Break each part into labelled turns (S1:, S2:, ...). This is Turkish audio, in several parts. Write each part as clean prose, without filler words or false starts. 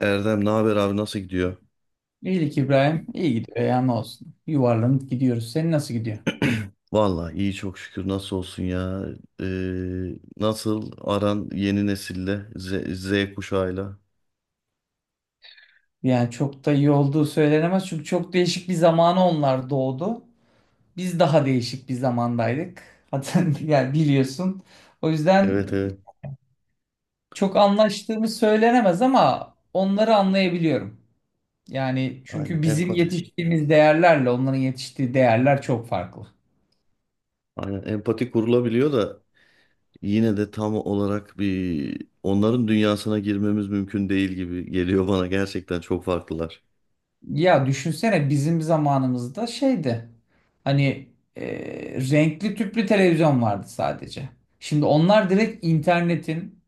S1: Erdem, ne haber abi? Nasıl gidiyor?
S2: İyilik İbrahim. İyi gidiyor ya, ne olsun. Yuvarlanıp gidiyoruz. Senin nasıl gidiyor?
S1: Vallahi iyi, çok şükür. Nasıl olsun ya. Nasıl aran yeni nesille Z kuşağıyla?
S2: Yani çok da iyi olduğu söylenemez. Çünkü çok değişik bir zamana onlar doğdu. Biz daha değişik bir zamandaydık. Hatta yani biliyorsun. O yüzden
S1: Evet, evet,
S2: çok anlaştığımız söylenemez ama onları anlayabiliyorum. Yani
S1: aynen
S2: çünkü bizim
S1: empati.
S2: yetiştiğimiz değerlerle onların yetiştiği değerler çok farklı.
S1: Aynen empati kurulabiliyor da yine de tam olarak bir onların dünyasına girmemiz mümkün değil gibi geliyor bana, gerçekten çok farklılar.
S2: Ya düşünsene, bizim zamanımızda şeydi. Hani e, renkli tüplü televizyon vardı sadece. Şimdi onlar direkt internetin,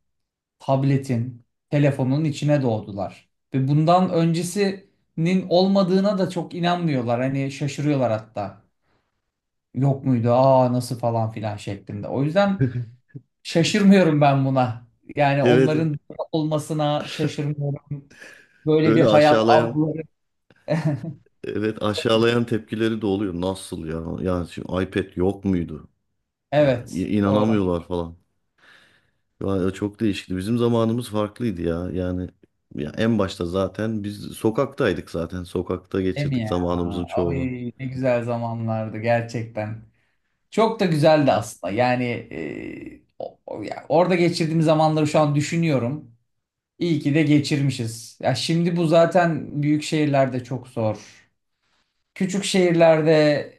S2: tabletin, telefonun içine doğdular. Ve bundan öncesinin olmadığına da çok inanmıyorlar. Hani şaşırıyorlar hatta. Yok muydu? Aa nasıl falan filan şeklinde. O yüzden şaşırmıyorum ben buna. Yani
S1: Evet, evet.
S2: onların olmasına şaşırmıyorum. Böyle bir
S1: öyle
S2: hayat
S1: aşağılayan
S2: algıları.
S1: Evet, aşağılayan tepkileri de oluyor. Nasıl ya? Yani şimdi iPad yok muydu? Ya
S2: Evet. Doğru.
S1: inanamıyorlar falan. Vay, çok değişikti. Bizim zamanımız farklıydı ya. Yani, ya en başta zaten biz sokaktaydık zaten. Sokakta
S2: Değil mi
S1: geçirdik
S2: ya?
S1: zamanımızın
S2: Ay,
S1: çoğunu.
S2: ne güzel zamanlardı gerçekten. Çok da güzeldi aslında. Yani ya orada geçirdiğim zamanları şu an düşünüyorum. İyi ki de geçirmişiz. Ya şimdi bu zaten büyük şehirlerde çok zor. Küçük şehirlerde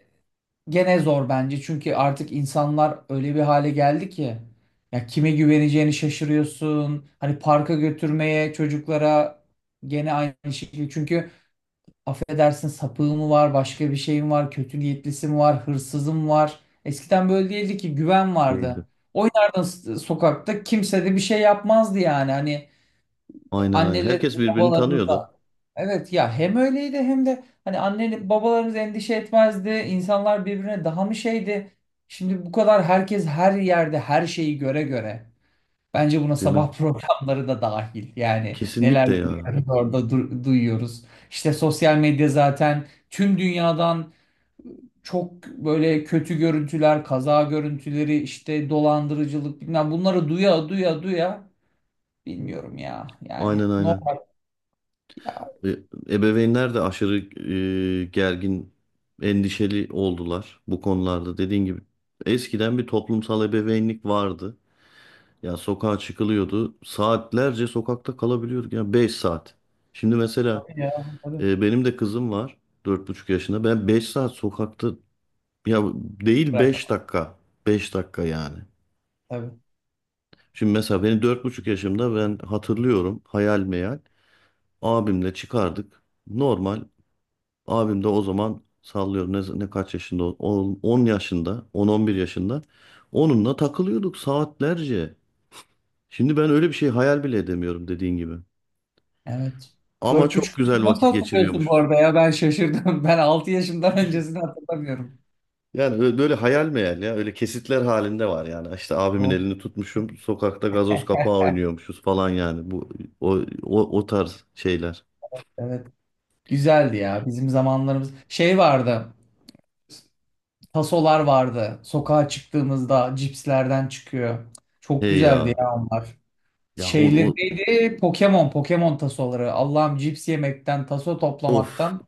S2: gene zor bence. Çünkü artık insanlar öyle bir hale geldi ki ya kime güveneceğini şaşırıyorsun. Hani parka götürmeye çocuklara gene aynı şekilde. Çünkü affedersin, sapığı mı var, başka bir şey mi var, kötü niyetlisi mi var, hırsızı mı var? Eskiden böyle değildi ki, güven
S1: Değildi.
S2: vardı. Oynardın sokakta, kimse de bir şey yapmazdı yani. Hani
S1: Aynen, aynen. Herkes
S2: annelerimiz,
S1: birbirini
S2: babalarımız
S1: tanıyordu,
S2: da evet ya, hem öyleydi hem de hani anne babalarımız endişe etmezdi. İnsanlar birbirine daha mı şeydi? Şimdi bu kadar herkes her yerde her şeyi göre göre. Bence buna
S1: değil mi?
S2: sabah programları da dahil. Yani neler
S1: Kesinlikle ya.
S2: görüyoruz orada, duyuyoruz. İşte sosyal medya zaten tüm dünyadan çok böyle kötü görüntüler, kaza görüntüleri, işte dolandırıcılık bilmem, bunları duya duya duya bilmiyorum ya. Yani
S1: Aynen, aynen.
S2: normal ya.
S1: E, ebeveynler de aşırı gergin, endişeli oldular bu konularda. Dediğin gibi eskiden bir toplumsal ebeveynlik vardı. Ya sokağa çıkılıyordu. Saatlerce sokakta kalabiliyorduk. Ya 5 saat. Şimdi mesela.
S2: Tabii ya. Tabii.
S1: Benim de kızım var, 4,5 yaşında. Ben 5 saat sokakta, ya değil, 5
S2: Bırakamam.
S1: dakika. 5 dakika yani.
S2: Tabii.
S1: Şimdi mesela benim 4,5 yaşımda ben hatırlıyorum hayal meyal. Abimle çıkardık. Normal. Abim de o zaman sallıyorum ne kaç yaşında, 10 yaşında, 11 yaşında, onunla takılıyorduk saatlerce. Şimdi ben öyle bir şey hayal bile edemiyorum, dediğin gibi.
S2: Evet.
S1: Ama
S2: Dört
S1: çok
S2: buçuk yaşı
S1: güzel
S2: nasıl
S1: vakit
S2: hatırlıyorsun bu
S1: geçiriyormuşuz.
S2: arada ya? Ben şaşırdım. Ben altı yaşımdan öncesini hatırlamıyorum.
S1: Yani böyle hayal meyal ya. Öyle kesitler halinde var yani. İşte abimin
S2: Of.
S1: elini tutmuşum. Sokakta gazoz kapağı oynuyormuşuz falan yani. Bu o o tarz şeyler.
S2: Evet. Güzeldi ya bizim zamanlarımız. Şey vardı. Tasolar vardı. Sokağa çıktığımızda cipslerden çıkıyor. Çok
S1: Hey
S2: güzeldi
S1: ya.
S2: ya onlar.
S1: Ya, o,
S2: Şeyli
S1: o,
S2: neydi? Pokemon, Pokemon tasoları. Allah'ım, cips yemekten, taso
S1: of.
S2: toplamaktan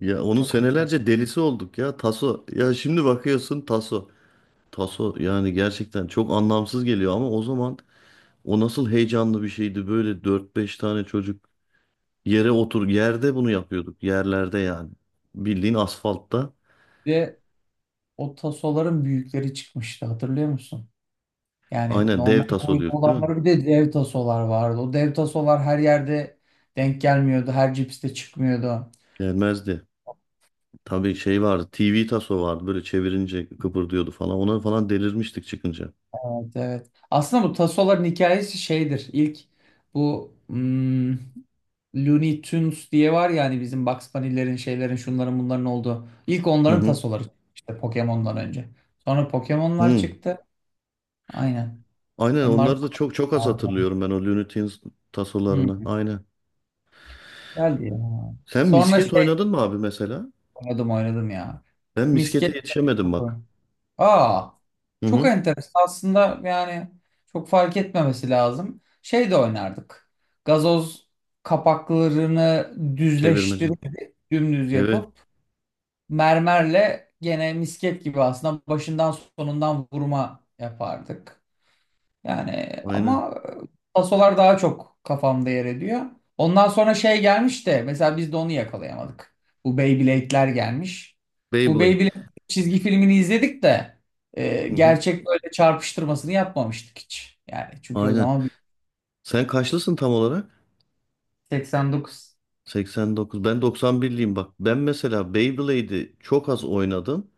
S1: Ya onun
S2: çok hoşuma.
S1: senelerce delisi olduk ya, taso. Ya şimdi bakıyorsun, taso. Taso yani gerçekten çok anlamsız geliyor ama o zaman o nasıl heyecanlı bir şeydi. Böyle dört beş tane çocuk yere otur yerde bunu yapıyorduk. Yerlerde yani. Bildiğin asfaltta.
S2: Bir de o tasoların büyükleri çıkmıştı, hatırlıyor musun? Yani
S1: Aynen,
S2: normal
S1: dev taso
S2: boyda
S1: diyorduk, değil mi?
S2: olanları, bir de dev tasolar vardı. O dev tasolar her yerde denk gelmiyordu. Her cipste çıkmıyordu.
S1: Gelmezdi. Tabii şey vardı. TV taso vardı. Böyle çevirince kıpırdıyordu falan. Ona falan delirmiştik çıkınca.
S2: Evet, evet. Aslında bu tasoların hikayesi şeydir. İlk bu Looney Tunes diye var ya, hani bizim Bugs Bunny'lerin, şeylerin, şunların bunların olduğu. İlk
S1: Hı
S2: onların
S1: hı.
S2: tasoları çıktı işte, Pokemon'dan önce. Sonra Pokemon'lar
S1: Hı.
S2: çıktı. Aynen.
S1: Aynen,
S2: Onlar da
S1: onları da çok çok az
S2: vardı.
S1: hatırlıyorum ben, o Looney Tunes tasolarını.
S2: Hı,
S1: Aynen.
S2: güzeldi ya.
S1: Sen
S2: Sonra
S1: misket
S2: şey,
S1: oynadın mı abi mesela?
S2: oynadım ya.
S1: Ben miskete
S2: Misket.
S1: yetişemedim, bak.
S2: Aa,
S1: Hı
S2: çok
S1: hı.
S2: enteresan. Aslında yani çok fark etmemesi lazım. Şey de oynardık. Gazoz kapaklarını
S1: Çevirmece.
S2: düzleştirip dümdüz
S1: Evet.
S2: yapıp mermerle gene misket gibi aslında başından sonundan vurma yapardık. Yani
S1: Aynen.
S2: ama pasolar daha çok kafamda yer ediyor. Ondan sonra şey gelmiş de, mesela biz de onu yakalayamadık. Bu Beyblade'ler gelmiş. Bu
S1: Beyblade.
S2: Beyblade çizgi filmini izledik de
S1: Hı hı.
S2: gerçek böyle çarpıştırmasını yapmamıştık hiç. Yani çünkü o
S1: Aynen.
S2: zaman bir
S1: Sen kaçlısın tam olarak?
S2: 89
S1: 89. Ben 91'liyim, bak. Ben mesela Beyblade'i çok az oynadım.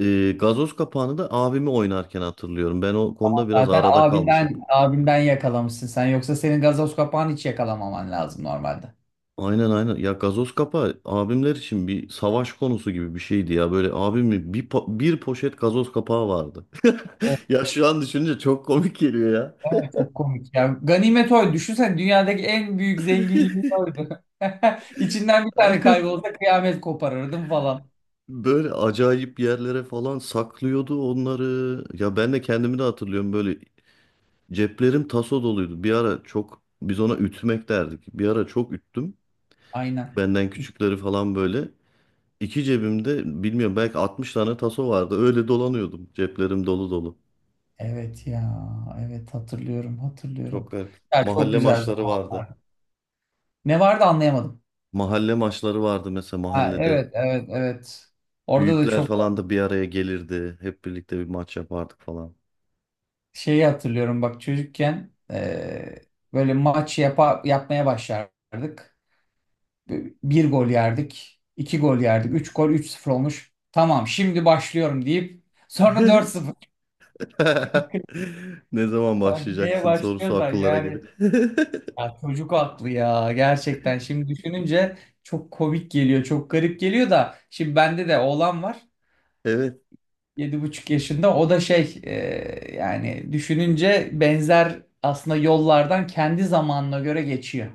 S1: Gazoz kapağını da abimi oynarken hatırlıyorum. Ben o konuda biraz
S2: zaten
S1: arada kalmışım.
S2: abinden yakalamışsın sen, yoksa senin gazoz kapağını hiç yakalamaman lazım normalde.
S1: Aynen, aynen. Ya gazoz kapağı abimler için bir savaş konusu gibi bir şeydi ya. Böyle abimin bir poşet gazoz kapağı vardı. Ya şu an düşününce çok komik geliyor ya.
S2: Ay, çok komik ya. Ganimet oydu. Düşünsene, dünyadaki en büyük zenginliği oydu. İçinden bir tane kaybolsa kıyamet koparırdım falan.
S1: Böyle acayip yerlere falan saklıyordu onları. Ya ben de kendimi de hatırlıyorum, böyle ceplerim taso doluydu. Bir ara, çok biz ona ütmek derdik. Bir ara çok üttüm.
S2: Aynen.
S1: Benden küçükleri falan böyle. İki cebimde bilmiyorum belki 60 tane taso vardı. Öyle dolanıyordum. Ceplerim dolu dolu.
S2: Evet ya. Evet, hatırlıyorum.
S1: Çok garip.
S2: Ya çok
S1: Mahalle
S2: güzel
S1: maçları vardı.
S2: zamanlar. Ne vardı, anlayamadım.
S1: Mahalle maçları vardı mesela,
S2: Ha,
S1: mahallede.
S2: evet evet evet. Orada da
S1: Büyükler
S2: çok
S1: falan da bir araya gelirdi. Hep birlikte bir maç yapardık falan.
S2: şeyi hatırlıyorum bak, çocukken böyle yapmaya başlardık. Bir gol yerdik, iki gol yerdik, üç gol, üç sıfır olmuş. Tamam, şimdi başlıyorum deyip sonra dört sıfır.
S1: Ne zaman
S2: Sanki neye
S1: başlayacaksın sorusu
S2: başlıyorsan
S1: akıllara gelir.
S2: yani. Ya çocuk aklı ya, gerçekten şimdi düşününce çok komik geliyor, çok garip geliyor da şimdi bende de oğlan var.
S1: Evet.
S2: Yedi buçuk yaşında, o da şey, yani düşününce benzer aslında, yollardan kendi zamanına göre geçiyor.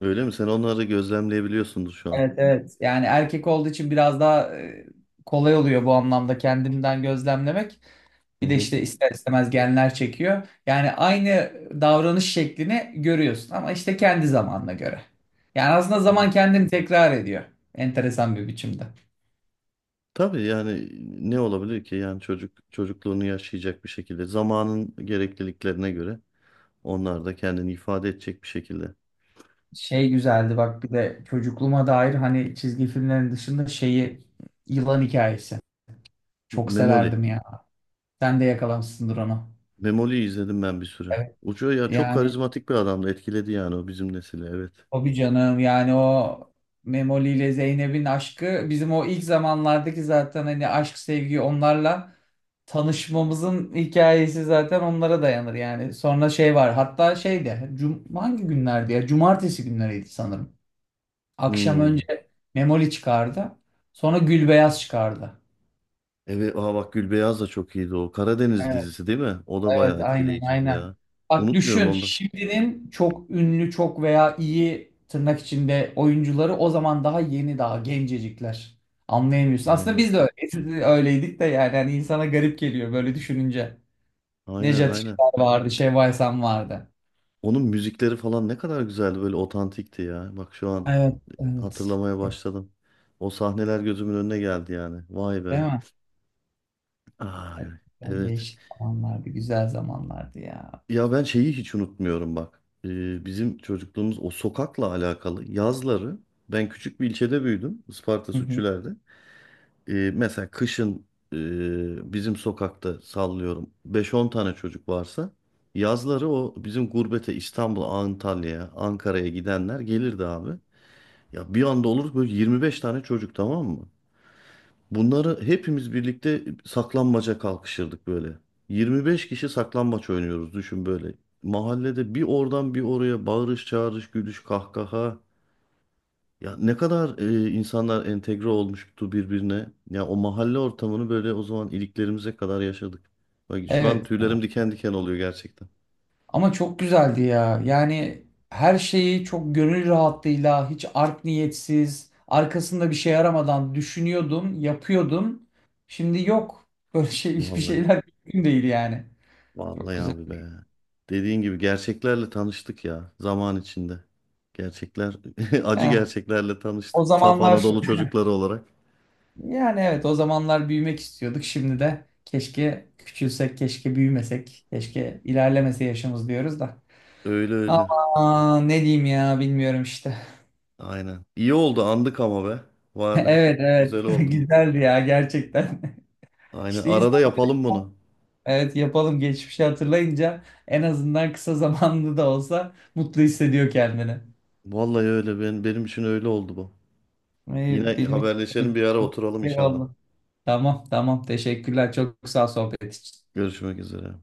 S1: Öyle mi? Sen onları gözlemleyebiliyorsundur şu an.
S2: Evet evet. Yani erkek olduğu için biraz daha kolay oluyor bu anlamda, kendimden gözlemlemek.
S1: Hı
S2: Bir de
S1: hı.
S2: işte ister istemez genler çekiyor. Yani aynı davranış şeklini görüyorsun ama işte kendi zamanına göre. Yani aslında zaman kendini tekrar ediyor. Enteresan bir biçimde.
S1: Tabii yani, ne olabilir ki? Yani çocuk çocukluğunu yaşayacak bir şekilde, zamanın gerekliliklerine göre. Onlar da kendini ifade edecek bir şekilde.
S2: Şey güzeldi bak, bir de çocukluğuma dair, hani çizgi filmlerin dışında şeyi, Yılan Hikayesi. Çok
S1: Memoli.
S2: severdim ya. Sen de yakalamışsındır onu.
S1: Memoli'yi izledim ben bir süre.
S2: Evet.
S1: Ucu ya, çok
S2: Yani
S1: karizmatik bir adamdı. Etkiledi yani o bizim nesili. Evet.
S2: tabii canım, yani o Memoli ile Zeynep'in aşkı bizim o ilk zamanlardaki, zaten hani aşk sevgi onlarla tanışmamızın hikayesi zaten onlara dayanır yani. Sonra şey var hatta, şeyde cum, hangi günlerdi ya, cumartesi günleriydi sanırım. Akşam
S1: Hmm.
S2: önce Memoli çıkardı, sonra Gülbeyaz çıkardı.
S1: Evet. Aa, bak, Gülbeyaz da çok iyiydi o. Karadeniz dizisi değil mi? O da
S2: Evet,
S1: bayağı
S2: aynen
S1: etkileyiciydi
S2: aynen.
S1: ya.
S2: Bak
S1: Unutmuyorum
S2: düşün,
S1: onu da.
S2: şimdinin çok ünlü, çok veya iyi tırnak içinde oyuncuları o zaman daha yeni, daha gencecikler. Anlayamıyorsun. Aslında
S1: Aynen.
S2: biz de öyleyiz. Biz de öyleydik de yani, hani insana garip geliyor böyle düşününce.
S1: Aynen,
S2: Nejat
S1: aynen.
S2: İşler vardı, Şevval Sam vardı.
S1: Onun müzikleri falan ne kadar güzeldi. Böyle otantikti ya. Bak şu an
S2: Evet, evet.
S1: hatırlamaya başladım. O sahneler gözümün önüne geldi yani. Vay
S2: Değil
S1: be.
S2: mi?
S1: Aa,
S2: Evet, yani
S1: evet.
S2: değişik zamanlardı, güzel zamanlardı ya.
S1: Ya ben şeyi hiç unutmuyorum, bak. Bizim çocukluğumuz o sokakla alakalı, yazları ben küçük bir ilçede büyüdüm, Isparta
S2: Hı hı.
S1: Sütçüler'de. Mesela kışın bizim sokakta sallıyorum beş on tane çocuk varsa, yazları o bizim gurbete İstanbul'a, Antalya'ya, Ankara'ya gidenler gelirdi abi. Ya bir anda olur böyle 25 tane çocuk, tamam mı? Bunları hepimiz birlikte saklambaca kalkışırdık böyle. 25 kişi saklambaç oynuyoruz, düşün böyle. Mahallede bir oradan bir oraya bağırış çağırış, gülüş, kahkaha. Ya ne kadar insanlar entegre olmuştu birbirine. Ya o mahalle ortamını böyle o zaman iliklerimize kadar yaşadık. Bak şu an
S2: Evet.
S1: tüylerim diken diken oluyor gerçekten.
S2: Ama çok güzeldi ya. Yani her şeyi çok gönül rahatlığıyla, hiç art niyetsiz, arkasında bir şey aramadan düşünüyordum, yapıyordum. Şimdi yok. Böyle şey, hiçbir
S1: Vallahi.
S2: şeyler mümkün değil yani. Çok
S1: Vallahi abi be.
S2: güzeldi.
S1: Dediğin gibi gerçeklerle tanıştık ya zaman içinde. Gerçekler, acı
S2: Ya,
S1: gerçeklerle
S2: o
S1: tanıştık. Saf
S2: zamanlar
S1: Anadolu çocukları olarak.
S2: yani evet, o zamanlar büyümek istiyorduk. Şimdi de keşke küçülsek, keşke büyümesek, keşke ilerlemese yaşımız diyoruz da.
S1: Öyle, öyle.
S2: Ama ne diyeyim ya, bilmiyorum işte.
S1: Aynen. İyi oldu andık ama be. Var be.
S2: Evet evet,
S1: Güzel oldu.
S2: güzeldi ya gerçekten.
S1: Aynen.
S2: İşte
S1: Arada
S2: insan.
S1: yapalım bunu.
S2: Evet, yapalım. Geçmişi hatırlayınca en azından kısa zamanlı da olsa mutlu hissediyor kendini.
S1: Vallahi öyle. Benim için öyle oldu bu. Yine
S2: Benim için
S1: haberleşelim, bir ara oturalım inşallah.
S2: eyvallah. Tamam tamam, teşekkürler. Çok sağ ol sohbet için.
S1: Görüşmek üzere.